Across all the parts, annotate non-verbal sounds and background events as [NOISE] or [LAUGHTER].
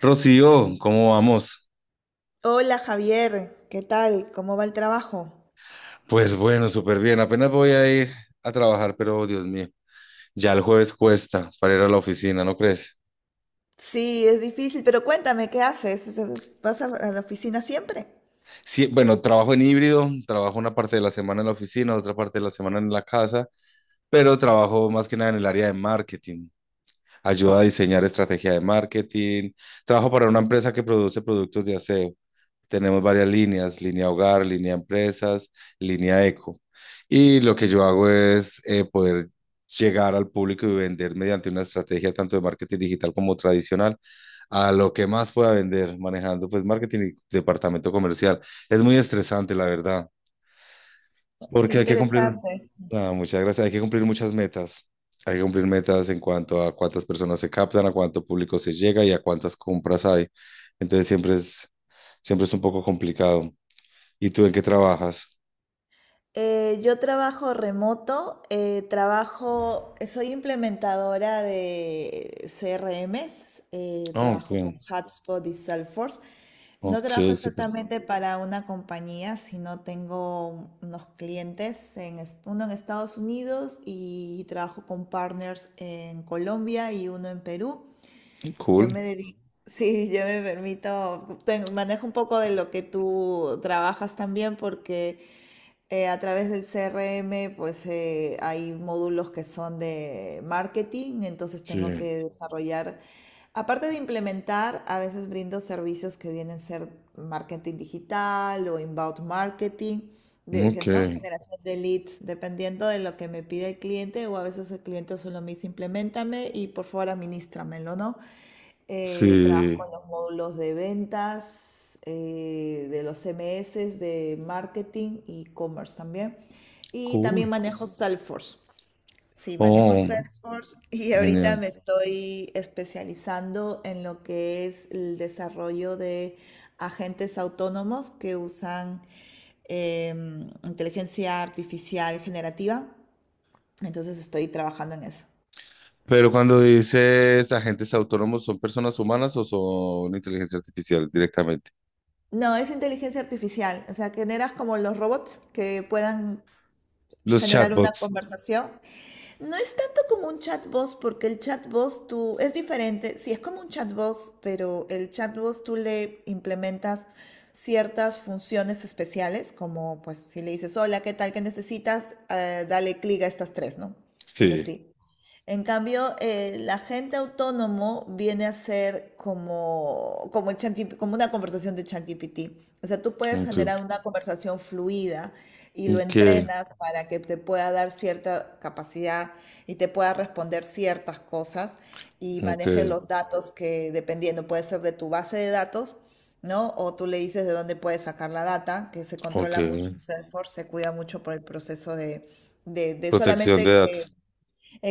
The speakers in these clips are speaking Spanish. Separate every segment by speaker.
Speaker 1: Rocío, ¿cómo vamos?
Speaker 2: Hola Javier, ¿qué tal? ¿Cómo va el trabajo?
Speaker 1: Pues bueno, súper bien. Apenas voy a ir a trabajar, pero Dios mío, ya el jueves cuesta para ir a la oficina, ¿no crees?
Speaker 2: Sí, es difícil, pero cuéntame, ¿qué haces? ¿Vas a la oficina siempre?
Speaker 1: Sí, bueno, trabajo en híbrido, trabajo una parte de la semana en la oficina, otra parte de la semana en la casa, pero trabajo más que nada en el área de marketing. Ayuda a diseñar estrategia de marketing. Trabajo para una empresa que produce productos de aseo. Tenemos varias líneas, línea hogar, línea empresas, línea eco. Y lo que yo hago es poder llegar al público y vender mediante una estrategia tanto de marketing digital como tradicional a lo que más pueda vender manejando pues marketing y departamento comercial. Es muy estresante, la verdad,
Speaker 2: Qué
Speaker 1: porque hay que cumplir,
Speaker 2: interesante.
Speaker 1: ah, muchas gracias, hay que cumplir muchas metas. Hay que cumplir metas en cuanto a cuántas personas se captan, a cuánto público se llega y a cuántas compras hay. Entonces siempre es un poco complicado. ¿Y tú en qué trabajas?
Speaker 2: Yo trabajo remoto, soy implementadora de CRMs,
Speaker 1: Ah, ok,
Speaker 2: trabajo con Hubspot y Salesforce. No
Speaker 1: ok,
Speaker 2: trabajo
Speaker 1: súper.
Speaker 2: exactamente para una compañía, sino tengo unos clientes, uno en Estados Unidos y trabajo con partners en Colombia y uno en Perú. Yo
Speaker 1: Cool.
Speaker 2: me dedico, [LAUGHS] sí, yo me permito, manejo un poco de lo que tú trabajas también porque a través del CRM, pues hay módulos que son de marketing, entonces tengo
Speaker 1: Sí,
Speaker 2: que desarrollar, aparte de implementar, a veces brindo servicios que vienen a ser marketing digital o inbound marketing,
Speaker 1: ok,
Speaker 2: ¿no? Generación de leads, dependiendo de lo que me pide el cliente o a veces el cliente solo me dice, implementame y por favor administramelo, ¿no? Trabajo
Speaker 1: sí,
Speaker 2: en los módulos de ventas, de los CMS, de marketing y commerce también. Y
Speaker 1: cool.
Speaker 2: también manejo Salesforce. Sí, manejo
Speaker 1: Oh,
Speaker 2: Salesforce y ahorita
Speaker 1: genial.
Speaker 2: me estoy especializando en lo que es el desarrollo de agentes autónomos que usan inteligencia artificial generativa. Entonces estoy trabajando en eso.
Speaker 1: Pero cuando dices agentes autónomos, ¿son personas humanas o son inteligencia artificial directamente?
Speaker 2: No, es inteligencia artificial, o sea, generas como los robots que puedan
Speaker 1: Los
Speaker 2: generar una
Speaker 1: chatbots.
Speaker 2: conversación. No es tanto como un chatbot, porque el chatbot tú es diferente. Sí, es como un chatbot, pero el chatbot tú le implementas ciertas funciones especiales, como pues si le dices, hola, ¿qué tal? ¿Qué necesitas? Dale clic a estas tres, ¿no? Es
Speaker 1: Sí,
Speaker 2: así. En cambio, el agente autónomo viene a ser como el ChatGPT como una conversación de ChatGPT. O sea, tú puedes
Speaker 1: ok,
Speaker 2: generar una conversación fluida y lo
Speaker 1: ok,
Speaker 2: entrenas para que te pueda dar cierta capacidad y te pueda responder ciertas cosas y
Speaker 1: ok,
Speaker 2: maneje los datos que, dependiendo, puede ser de tu base de datos, ¿no? O tú le dices de dónde puedes sacar la data, que se
Speaker 1: ok.
Speaker 2: controla mucho en Salesforce, se cuida mucho por el proceso de
Speaker 1: Protección de
Speaker 2: solamente
Speaker 1: datos.
Speaker 2: que...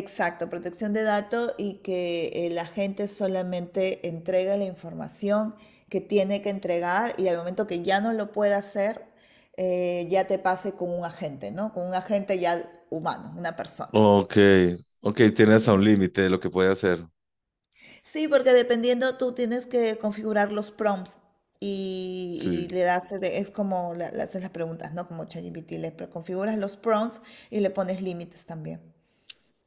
Speaker 2: Exacto, protección de datos y que la gente solamente entrega la información que tiene que entregar y al momento que ya no lo pueda hacer, ya te pase con un agente, ¿no? Con un agente ya humano, una persona.
Speaker 1: Ok, ok, tienes a
Speaker 2: Sí.
Speaker 1: un límite de lo que puede hacer.
Speaker 2: Sí, porque dependiendo tú tienes que configurar los prompts
Speaker 1: Sí.
Speaker 2: y le das, es como le haces las preguntas, ¿no? Como ChatGPT, configuras los prompts y le pones límites también.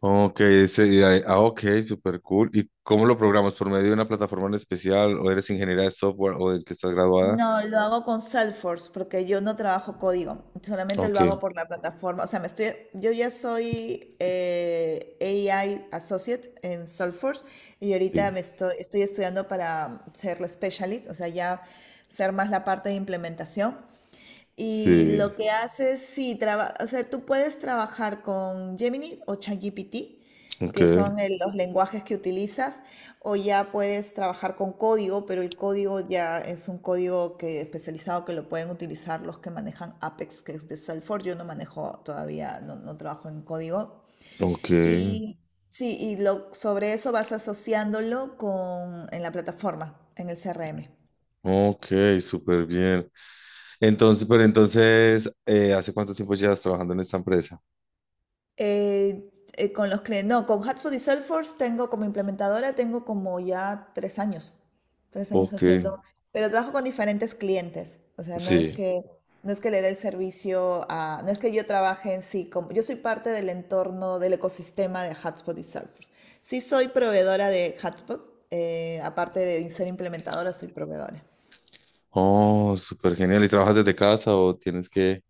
Speaker 1: Ok, super cool. ¿Y cómo lo programas? ¿Por medio de una plataforma en especial? ¿O eres ingeniera de software o del que estás graduada?
Speaker 2: No, lo hago con Salesforce porque yo no trabajo código, solamente
Speaker 1: Ok,
Speaker 2: lo hago por la plataforma. O sea, me estoy, yo ya soy AI Associate en Salesforce y
Speaker 1: sí,
Speaker 2: ahorita estoy estudiando para ser la specialist, o sea, ya ser más la parte de implementación. Y
Speaker 1: sí,
Speaker 2: lo que haces, sí, o sea, tú puedes trabajar con Gemini o ChatGPT,
Speaker 1: ok,
Speaker 2: que son los lenguajes que utilizas, o ya puedes trabajar con código, pero el código ya es un código que, especializado que lo pueden utilizar los que manejan Apex, que es de Salesforce. Yo no manejo todavía, no trabajo en código.
Speaker 1: ok,
Speaker 2: Y sí, y lo, sobre eso vas asociándolo en la plataforma, en el CRM.
Speaker 1: ok, súper bien. Entonces, ¿hace cuánto tiempo llevas trabajando en esta empresa?
Speaker 2: Eh, con los clientes, no, con HubSpot y Salesforce tengo como implementadora, tengo como ya tres años
Speaker 1: Ok,
Speaker 2: haciendo, pero trabajo con diferentes clientes, o sea,
Speaker 1: sí.
Speaker 2: no es que le dé el servicio a, no es que yo trabaje en sí, como, yo soy parte del entorno, del ecosistema de HubSpot y Salesforce. Sí soy proveedora de HubSpot, aparte de ser implementadora, soy proveedora.
Speaker 1: Oh, súper genial. ¿Y trabajas desde casa o tienes que...?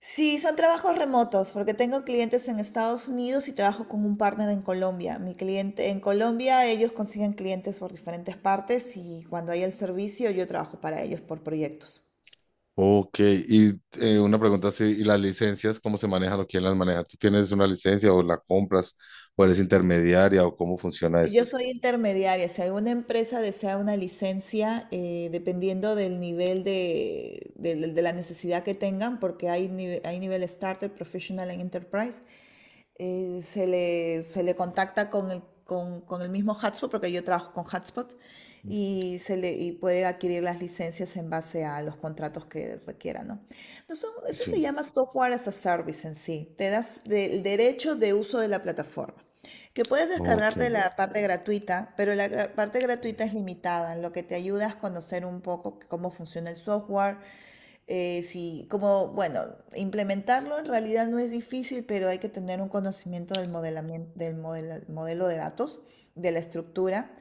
Speaker 2: Sí, son trabajos remotos, porque tengo clientes en Estados Unidos y trabajo con un partner en Colombia. Mi cliente en Colombia, ellos consiguen clientes por diferentes partes y cuando hay el servicio, yo trabajo para ellos por proyectos.
Speaker 1: Ok, y una pregunta así, ¿y las licencias cómo se manejan o quién las maneja? ¿Tú tienes una licencia o la compras o eres intermediaria o cómo funciona esto?
Speaker 2: Yo soy intermediaria, si alguna empresa desea una licencia, dependiendo del nivel de la necesidad que tengan, porque hay, hay nivel starter, professional y enterprise, se le contacta con el mismo Hotspot, porque yo trabajo con Hotspot, y, y puede adquirir las licencias en base a los contratos que requiera, ¿no? No son... eso se
Speaker 1: Sí,
Speaker 2: llama software as a service en sí. Te das el derecho de uso de la plataforma. Que puedes
Speaker 1: ok,
Speaker 2: descargarte la parte gratuita, pero la parte gratuita es limitada, en lo que te ayuda es conocer un poco cómo funciona el software, sí, como, bueno, implementarlo en realidad no es difícil, pero hay que tener un conocimiento del modelamiento, del modelo de datos, de la estructura.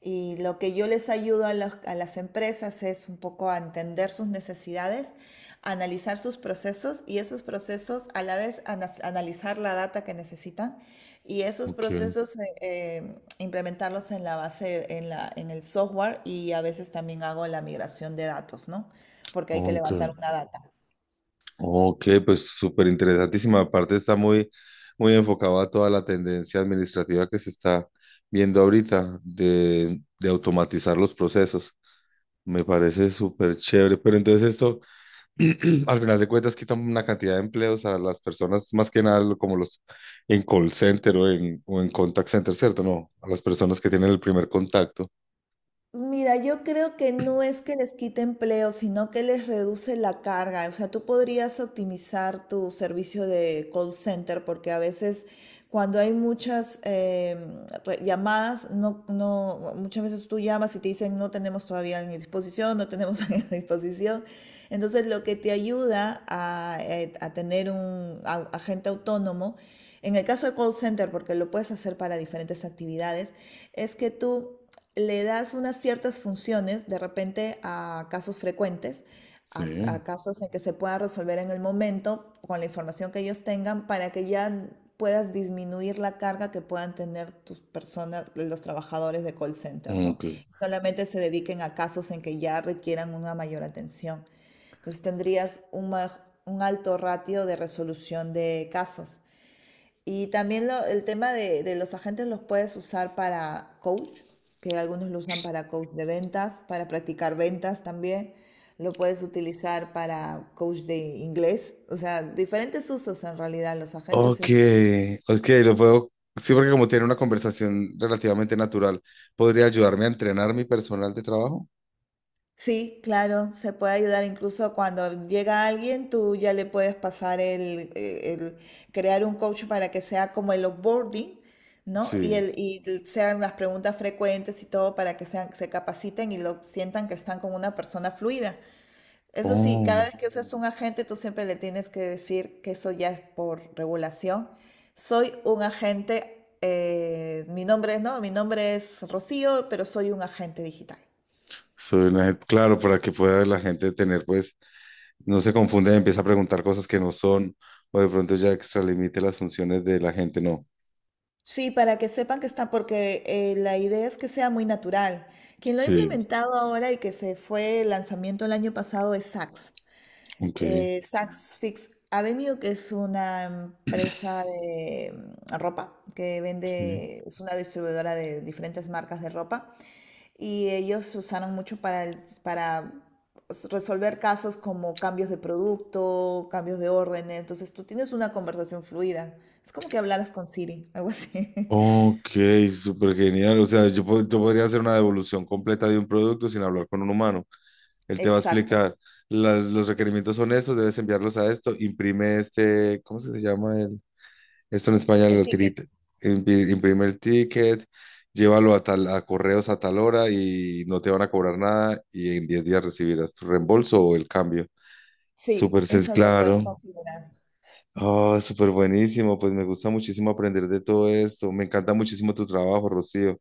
Speaker 2: Y lo que yo les ayudo las a las empresas es un poco a entender sus necesidades, analizar sus procesos y esos procesos a la vez analizar la data que necesitan y esos
Speaker 1: ok,
Speaker 2: procesos implementarlos en la base, en el software y a veces también hago la migración de datos, ¿no? Porque hay que
Speaker 1: ok,
Speaker 2: levantar una data.
Speaker 1: ok, pues súper interesantísima. Aparte está muy enfocado a toda la tendencia administrativa que se está viendo ahorita de automatizar los procesos. Me parece súper chévere, pero entonces esto... [CLEARS THROAT] Al final de cuentas quitan una cantidad de empleos a las personas, más que nada como los en call center o en contact center, ¿cierto? No, a las personas que tienen el primer contacto.
Speaker 2: Mira, yo creo que no es que les quite empleo, sino que les reduce la carga. O sea, tú podrías optimizar tu servicio de call center porque a veces cuando hay muchas llamadas, no, no, muchas veces tú llamas y te dicen no tenemos todavía en disposición, no tenemos [LAUGHS] en disposición. Entonces, lo que te ayuda a tener un agente autónomo, en el caso de call center, porque lo puedes hacer para diferentes actividades, es que tú le das unas ciertas funciones de repente a casos frecuentes,
Speaker 1: Sí,
Speaker 2: a casos en que se pueda resolver en el momento con la información que ellos tengan para que ya puedas disminuir la carga que puedan tener tus personas, los trabajadores de call center, ¿no?
Speaker 1: ok.
Speaker 2: Y solamente se dediquen a casos en que ya requieran una mayor atención. Entonces tendrías un, un alto ratio de resolución de casos. Y también el tema de los agentes los puedes usar para coach, que algunos lo usan para coach de ventas, para practicar ventas también. Lo puedes utilizar para coach de inglés. O sea, diferentes usos en realidad. Los agentes
Speaker 1: Ok,
Speaker 2: es...
Speaker 1: ok, lo puedo. Sí, porque como tiene una conversación relativamente natural, ¿podría ayudarme a entrenar mi personal de trabajo?
Speaker 2: Sí, claro, se puede ayudar incluso cuando llega alguien, tú ya le puedes pasar el crear un coach para que sea como el onboarding, ¿no?
Speaker 1: Sí,
Speaker 2: Y sean las preguntas frecuentes y todo para que sean, se capaciten y lo sientan que están con una persona fluida. Eso sí, cada
Speaker 1: Oh,
Speaker 2: vez que usas un agente, tú siempre le tienes que decir que eso ya es por regulación. Soy un agente, mi nombre es, no, mi nombre es Rocío, pero soy un agente digital.
Speaker 1: claro, para que pueda la gente tener, pues, no se confunda y empieza a preguntar cosas que no son, o de pronto ya extralimite las funciones de la gente, no.
Speaker 2: Sí, para que sepan que está, porque la idea es que sea muy natural. Quien lo ha
Speaker 1: Sí,
Speaker 2: implementado ahora y que se fue el lanzamiento el año pasado es Saks
Speaker 1: ok,
Speaker 2: Saks Fifth Avenue, que es una empresa de ropa que
Speaker 1: sí.
Speaker 2: vende, es una distribuidora de diferentes marcas de ropa. Y ellos se usaron mucho para, para resolver casos como cambios de producto, cambios de órdenes. Entonces tú tienes una conversación fluida. Es como que hablaras con Siri, algo así. [LAUGHS]
Speaker 1: Ok, súper genial. O sea, yo podría hacer una devolución completa de un producto sin hablar con un humano. Él te va a
Speaker 2: Exacto.
Speaker 1: explicar, los requerimientos son estos, debes enviarlos a esto, imprime este, ¿cómo se llama el? Esto en España,
Speaker 2: El
Speaker 1: el
Speaker 2: ticket.
Speaker 1: tirita. Imprime el ticket, llévalo a tal, a correos a tal hora y no te van a cobrar nada y en 10 días recibirás tu reembolso o el cambio.
Speaker 2: Sí,
Speaker 1: Súper sencillo,
Speaker 2: eso lo puedes
Speaker 1: claro.
Speaker 2: configurar.
Speaker 1: Oh, súper buenísimo, pues me gusta muchísimo aprender de todo esto. Me encanta muchísimo tu trabajo, Rocío.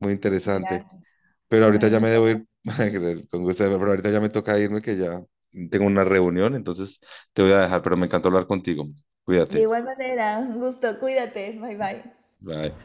Speaker 1: Muy interesante.
Speaker 2: Gracias.
Speaker 1: Pero ahorita
Speaker 2: Ay,
Speaker 1: ya me
Speaker 2: muchas
Speaker 1: debo ir,
Speaker 2: gracias.
Speaker 1: [LAUGHS] con gusto, pero ahorita ya me toca irme que ya tengo una reunión, entonces te voy a dejar, pero me encantó hablar contigo.
Speaker 2: De
Speaker 1: Cuídate.
Speaker 2: igual manera, un gusto. Cuídate. Bye bye.
Speaker 1: Bye.